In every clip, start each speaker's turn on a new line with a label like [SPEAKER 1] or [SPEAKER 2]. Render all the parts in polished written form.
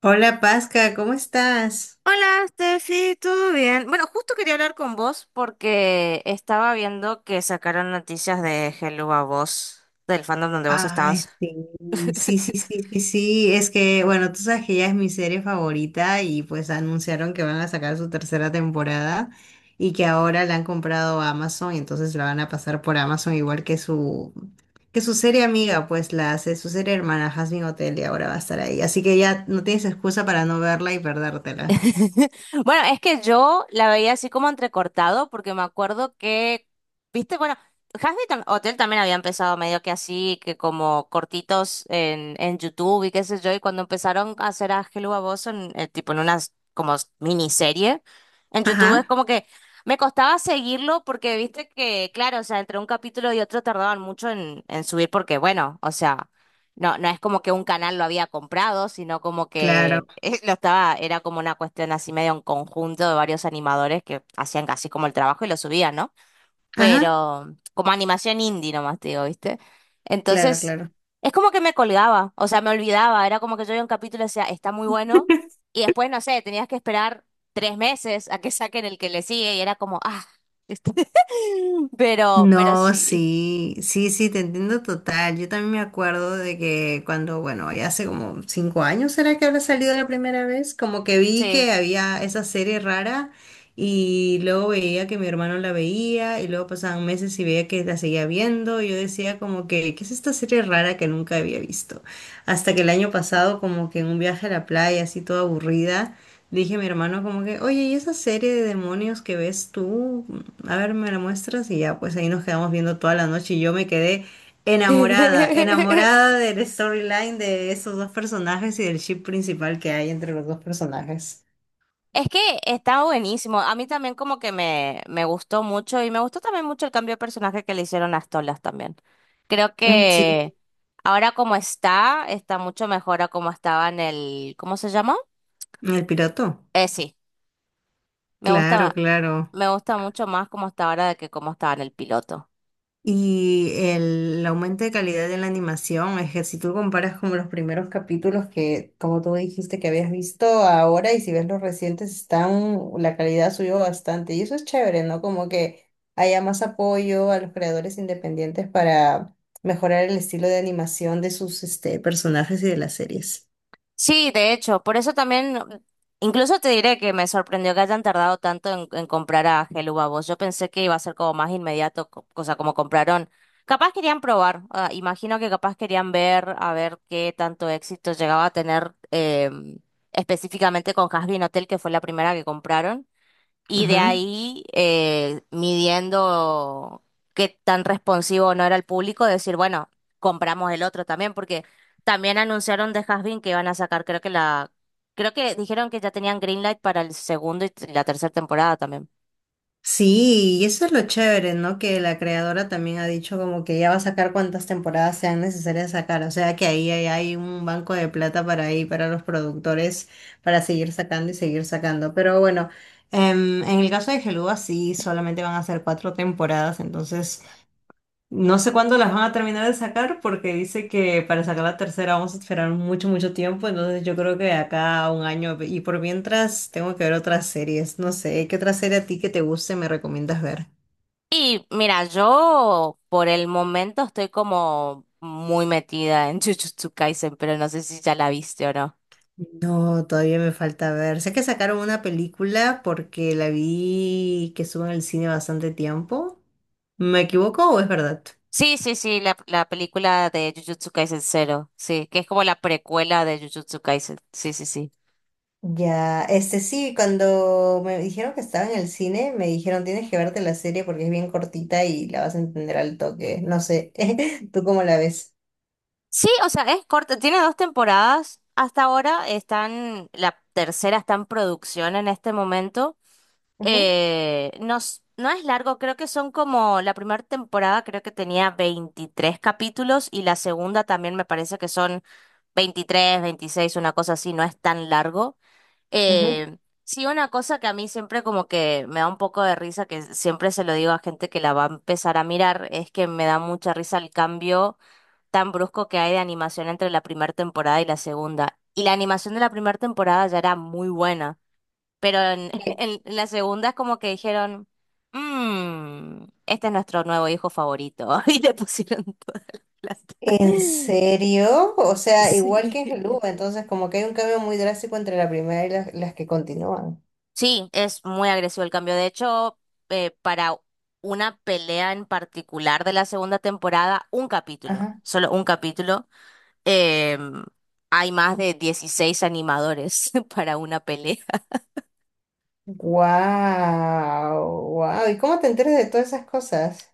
[SPEAKER 1] Hola Pasca, ¿cómo estás?
[SPEAKER 2] Hola, Steffi, ¿todo bien? Bueno, justo quería hablar con vos porque estaba viendo que sacaron noticias de Hello a vos, del fandom donde vos
[SPEAKER 1] Ay,
[SPEAKER 2] estabas.
[SPEAKER 1] sí, sí, sí, sí, sí, sí, es que, bueno, tú sabes que ella es mi serie favorita y pues anunciaron que van a sacar su tercera temporada y que ahora la han comprado a Amazon y entonces la van a pasar por Amazon igual que que su serie amiga, pues la hace su serie hermana Jasmine Hotel y ahora va a estar ahí. Así que ya no tienes excusa para no verla y perdértela.
[SPEAKER 2] Bueno, es que yo la veía así como entrecortado, porque me acuerdo que, viste, bueno, Hotel también había empezado medio que así, que como cortitos en YouTube y qué sé yo, y cuando empezaron a hacer a Hello a Boss en, tipo en unas como miniserie, en YouTube es
[SPEAKER 1] Ajá,
[SPEAKER 2] como que me costaba seguirlo porque viste que, claro, o sea, entre un capítulo y otro tardaban mucho en subir, porque bueno, o sea. No, es como que un canal lo había comprado, sino como
[SPEAKER 1] claro.
[SPEAKER 2] que lo estaba, era como una cuestión así medio en conjunto de varios animadores que hacían casi como el trabajo y lo subían, ¿no?
[SPEAKER 1] Ajá,
[SPEAKER 2] Pero como animación indie nomás te digo, ¿viste?
[SPEAKER 1] claro,
[SPEAKER 2] Entonces,
[SPEAKER 1] claro.
[SPEAKER 2] es como que me colgaba, o sea, me olvidaba, era como que yo veía un capítulo y decía, está muy bueno, y después, no sé, tenías que esperar 3 meses a que saquen el que le sigue y era como, ah, ¿viste? Pero
[SPEAKER 1] No,
[SPEAKER 2] sí,
[SPEAKER 1] sí, sí, sí, te entiendo total. Yo también me acuerdo de que cuando, bueno, ya hace como 5 años, ¿será que habrá salido la primera vez? Como que vi
[SPEAKER 2] sí.
[SPEAKER 1] que había esa serie rara y luego veía que mi hermano la veía y luego pasaban meses y veía que la seguía viendo y yo decía como que, ¿qué es esta serie rara que nunca había visto? Hasta que el año pasado, como que en un viaje a la playa, así toda aburrida. Dije a mi hermano como que, oye, ¿y esa serie de demonios que ves tú? A ver, me la muestras y ya, pues ahí nos quedamos viendo toda la noche y yo me quedé enamorada, enamorada del storyline de esos dos personajes y del ship principal que hay entre los dos personajes.
[SPEAKER 2] Es que está buenísimo. A mí también como que me gustó mucho y me gustó también mucho el cambio de personaje que le hicieron a Stolas también. Creo
[SPEAKER 1] Mm, sí.
[SPEAKER 2] que ahora como está, está mucho mejor a como estaba en el… ¿Cómo se llama?
[SPEAKER 1] ¿El piloto?
[SPEAKER 2] Sí, me
[SPEAKER 1] Claro,
[SPEAKER 2] gusta,
[SPEAKER 1] claro.
[SPEAKER 2] me gusta mucho más como está ahora de que como estaba en el piloto.
[SPEAKER 1] Y el aumento de calidad de la animación es que si tú comparas como los primeros capítulos que, como tú dijiste que habías visto ahora y si ves los recientes, están, la calidad subió bastante. Y eso es chévere, ¿no? Como que haya más apoyo a los creadores independientes para mejorar el estilo de animación de sus, este, personajes y de las series.
[SPEAKER 2] Sí, de hecho, por eso también, incluso te diré que me sorprendió que hayan tardado tanto en comprar a Helubavos. Yo pensé que iba a ser como más inmediato, o como compraron. Capaz querían probar, ah, imagino que capaz querían ver a ver qué tanto éxito llegaba a tener específicamente con Hazbin Hotel, que fue la primera que compraron. Y de ahí, midiendo qué tan responsivo no era el público, decir, bueno, compramos el otro también, porque también anunciaron de Hasbin que iban a sacar, creo que la, creo que dijeron que ya tenían Greenlight para el segundo y la tercera temporada también.
[SPEAKER 1] Sí, y eso es lo chévere, ¿no? Que la creadora también ha dicho como que ya va a sacar cuantas temporadas sean necesarias sacar, o sea que ahí hay un banco de plata para ahí, para los productores, para seguir sacando y seguir sacando. Pero bueno, en el caso de Geluga sí, solamente van a ser cuatro temporadas, entonces no sé cuándo las van a terminar de sacar porque dice que para sacar la tercera vamos a esperar mucho, mucho tiempo. Entonces yo creo que de acá a un año y por mientras tengo que ver otras series. No sé, ¿qué otra serie a ti que te guste me recomiendas ver?
[SPEAKER 2] Y mira, yo por el momento estoy como muy metida en Jujutsu Kaisen, pero no sé si ya la viste o no.
[SPEAKER 1] No, todavía me falta ver. Sé que sacaron una película porque la vi que estuvo en el cine bastante tiempo. ¿Me equivoco o es verdad?
[SPEAKER 2] Sí, sí, sí, la película de Jujutsu Kaisen Zero, sí, que es como la precuela de Jujutsu Kaisen, sí, sí, sí.
[SPEAKER 1] Ya, este sí, cuando me dijeron que estaba en el cine, me dijeron tienes que verte la serie porque es bien cortita y la vas a entender al toque. No sé, ¿tú cómo la ves?
[SPEAKER 2] Sí, o sea, es corta, tiene 2 temporadas, hasta ahora están, la tercera está en producción en este momento.
[SPEAKER 1] Ujú,
[SPEAKER 2] No, no es largo, creo que son como, la primera temporada creo que tenía 23 capítulos y la segunda también me parece que son 23, 26, una cosa así, no es tan largo.
[SPEAKER 1] ujú.
[SPEAKER 2] Eh, sí, una cosa que a mí siempre como que me da un poco de risa, que siempre se lo digo a gente que la va a empezar a mirar, es que me da mucha risa el cambio tan brusco que hay de animación entre la primera temporada y la segunda. Y la animación de la primera temporada ya era muy buena, pero
[SPEAKER 1] ¿Qué?
[SPEAKER 2] en la segunda es como que dijeron, este es nuestro nuevo hijo favorito, y le pusieron toda la plata.
[SPEAKER 1] ¿En serio? O sea, igual que en
[SPEAKER 2] Sí.
[SPEAKER 1] Helú, entonces como que hay un cambio muy drástico entre la primera y las que continúan.
[SPEAKER 2] Sí, es muy agresivo el cambio. De hecho, para una pelea en particular de la segunda temporada, un capítulo,
[SPEAKER 1] Ajá.
[SPEAKER 2] solo un capítulo, em, hay más de 16 animadores para una pelea.
[SPEAKER 1] Wow, wow. ¿Y cómo te enteras de todas esas cosas?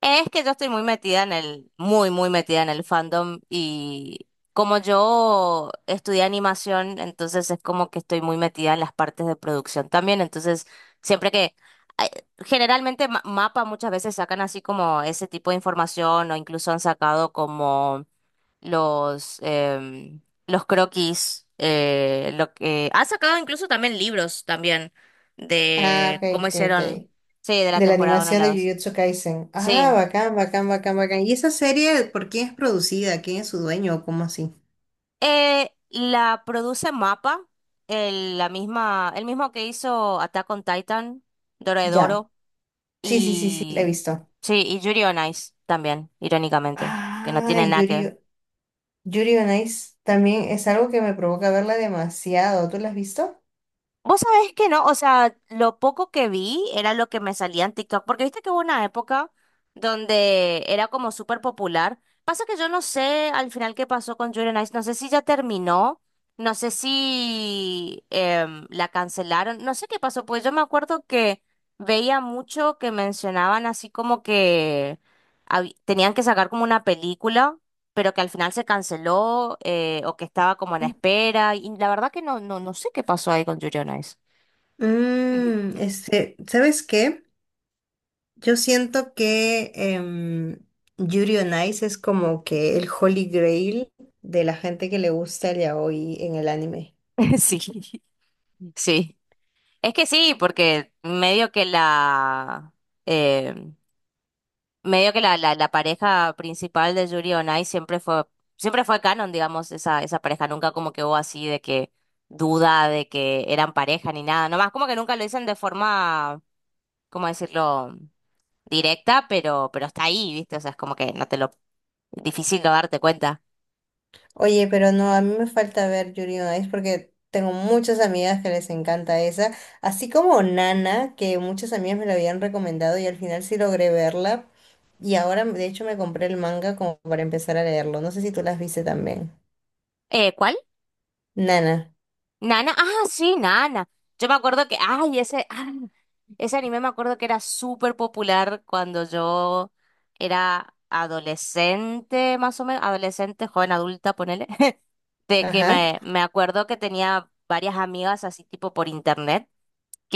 [SPEAKER 2] Es que yo estoy muy metida en el, muy, muy metida en el fandom y como yo estudié animación, entonces es como que estoy muy metida en las partes de producción también, entonces siempre que, ay, generalmente Mapa muchas veces sacan así como ese tipo de información o incluso han sacado como los, los croquis, lo que, han sacado incluso también libros también
[SPEAKER 1] Ah,
[SPEAKER 2] de
[SPEAKER 1] ok,
[SPEAKER 2] cómo
[SPEAKER 1] ok, ok.
[SPEAKER 2] hicieron, sí, de la
[SPEAKER 1] De la
[SPEAKER 2] temporada 1 y
[SPEAKER 1] animación
[SPEAKER 2] la
[SPEAKER 1] de
[SPEAKER 2] 2.
[SPEAKER 1] Jujutsu Kaisen. Ah,
[SPEAKER 2] Sí.
[SPEAKER 1] bacán, bacán, bacán, bacán. ¿Y esa serie por quién es producida? ¿Quién es su dueño o cómo así?
[SPEAKER 2] La produce MAPA, el, la misma, el mismo que hizo Attack on Titan,
[SPEAKER 1] Ya.
[SPEAKER 2] Dorohedoro
[SPEAKER 1] Sí, sí, sí, sí, la he
[SPEAKER 2] y
[SPEAKER 1] visto.
[SPEAKER 2] sí, y Yuri on Ice también, irónicamente, que no
[SPEAKER 1] Ah,
[SPEAKER 2] tiene nada que ver.
[SPEAKER 1] Yuri, Yuri on Ice también es algo que me provoca verla demasiado. ¿Tú la has visto?
[SPEAKER 2] Vos sabés que no, o sea, lo poco que vi era lo que me salía en TikTok, porque viste que hubo una época donde era como súper popular. Pasa que yo no sé al final qué pasó con Julia Nice, no sé si ya terminó, no sé si la cancelaron, no sé qué pasó, pues yo me acuerdo que veía mucho que mencionaban así como que tenían que sacar como una película pero que al final se canceló o que estaba como en espera. Y la verdad que no sé qué pasó ahí con Yuri on Ice.
[SPEAKER 1] Mm, este, ¿sabes qué? Yo siento que em, Yuri on Ice es como que el Holy Grail de la gente que le gusta el yaoi en el anime.
[SPEAKER 2] Sí, sí. Es que sí, porque medio que la eh, medio que la pareja principal de Yuri on Ice siempre fue canon, digamos, esa pareja. Nunca como que hubo así de que duda de que eran pareja ni nada. Nomás como que nunca lo dicen de forma, ¿cómo decirlo? Directa, pero está ahí, ¿viste? O sea, es como que no te lo… Difícil no darte cuenta.
[SPEAKER 1] Oye, pero no, a mí me falta ver Yuri on Ice porque tengo muchas amigas que les encanta esa, así como Nana, que muchas amigas me la habían recomendado y al final sí logré verla y ahora de hecho me compré el manga como para empezar a leerlo. No sé si tú las viste también.
[SPEAKER 2] ¿Cuál?
[SPEAKER 1] Nana,
[SPEAKER 2] Nana. Ah, sí, Nana. Yo me acuerdo que, ay, ese, ah, ese anime me acuerdo que era súper popular cuando yo era adolescente, más o menos, adolescente, joven adulta, ponele. De que
[SPEAKER 1] ajá.
[SPEAKER 2] me acuerdo que tenía varias amigas así tipo por internet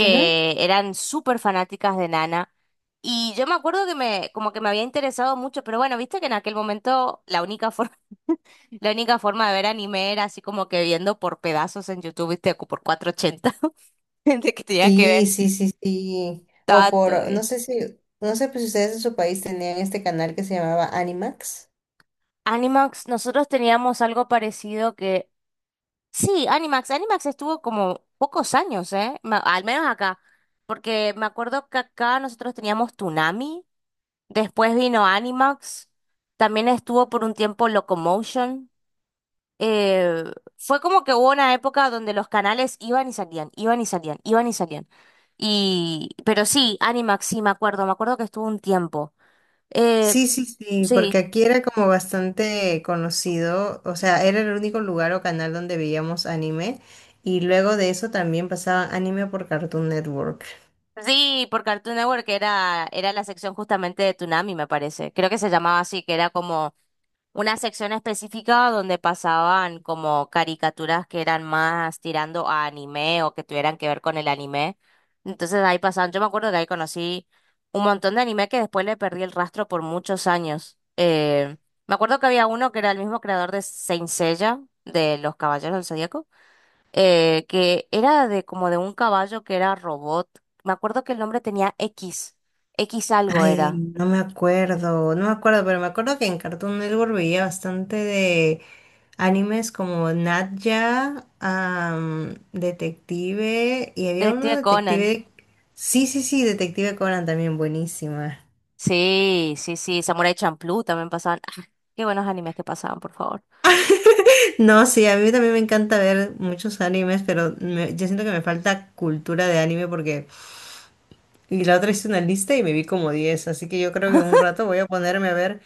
[SPEAKER 1] Ujú.
[SPEAKER 2] eran súper fanáticas de Nana. Y yo me acuerdo que como que me había interesado mucho, pero bueno, viste que en aquel momento la única forma… La única forma de ver anime era así como que viendo por pedazos en YouTube, viste, por 480, de que tenía que
[SPEAKER 1] Sí,
[SPEAKER 2] ver
[SPEAKER 1] sí, sí, sí. O
[SPEAKER 2] todo. Todo,
[SPEAKER 1] por, no sé si, no sé pues, si ustedes en su país tenían este canal que se llamaba Animax.
[SPEAKER 2] Animax, nosotros teníamos algo parecido que… Sí, Animax, Animax estuvo como pocos años, ¿eh? Al menos acá, porque me acuerdo que acá nosotros teníamos Toonami, después vino Animax, también estuvo por un tiempo Locomotion. eh, Fue como que hubo una época donde los canales iban y salían, iban y salían, iban y salían. Y, pero sí, Animax, sí, me acuerdo que estuvo un tiempo. Eh,
[SPEAKER 1] Sí, sí, sí, porque
[SPEAKER 2] sí,
[SPEAKER 1] aquí era como bastante conocido, o sea, era el único lugar o canal donde veíamos anime y luego de eso también pasaban anime por Cartoon Network.
[SPEAKER 2] sí, por Cartoon Network que era, era la sección justamente de Toonami, me parece. Creo que se llamaba así, que era como una sección específica donde pasaban como caricaturas que eran más tirando a anime o que tuvieran que ver con el anime. Entonces ahí pasaban, yo me acuerdo que ahí conocí un montón de anime que después le perdí el rastro por muchos años. Me acuerdo que había uno que era el mismo creador de Saint Seiya, de Los Caballeros del Zodíaco, que era de como de un caballo que era robot. Me acuerdo que el nombre tenía X, X algo
[SPEAKER 1] Ay,
[SPEAKER 2] era.
[SPEAKER 1] no me acuerdo, no me acuerdo, pero me acuerdo que en Cartoon Network veía bastante de animes como Nat Geo, Detective y había uno
[SPEAKER 2] Detective Conan.
[SPEAKER 1] Detective, sí, sí, sí, Detective Conan también buenísima.
[SPEAKER 2] Sí, sí, sí, Samurai Champloo también pasaban. Ah, qué buenos animes que pasaban, por favor.
[SPEAKER 1] No, sí, a mí también me encanta ver muchos animes, pero yo siento que me falta cultura de anime porque... Y la otra hice una lista y me vi como 10, así que yo creo que en un rato voy a ponerme a ver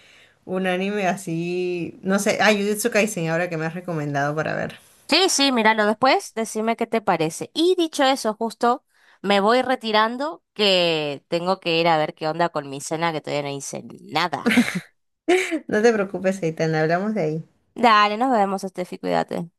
[SPEAKER 1] un anime así... No sé, ah, Jujutsu Kaisen, ahora que me has recomendado para ver.
[SPEAKER 2] Sí, sí, míralo después, decime qué te parece. Y dicho eso, justo me voy retirando que tengo que ir a ver qué onda con mi cena, que todavía no hice nada.
[SPEAKER 1] No te preocupes, Eitan, hablamos de ahí.
[SPEAKER 2] Dale, nos vemos, Estefi, cuídate.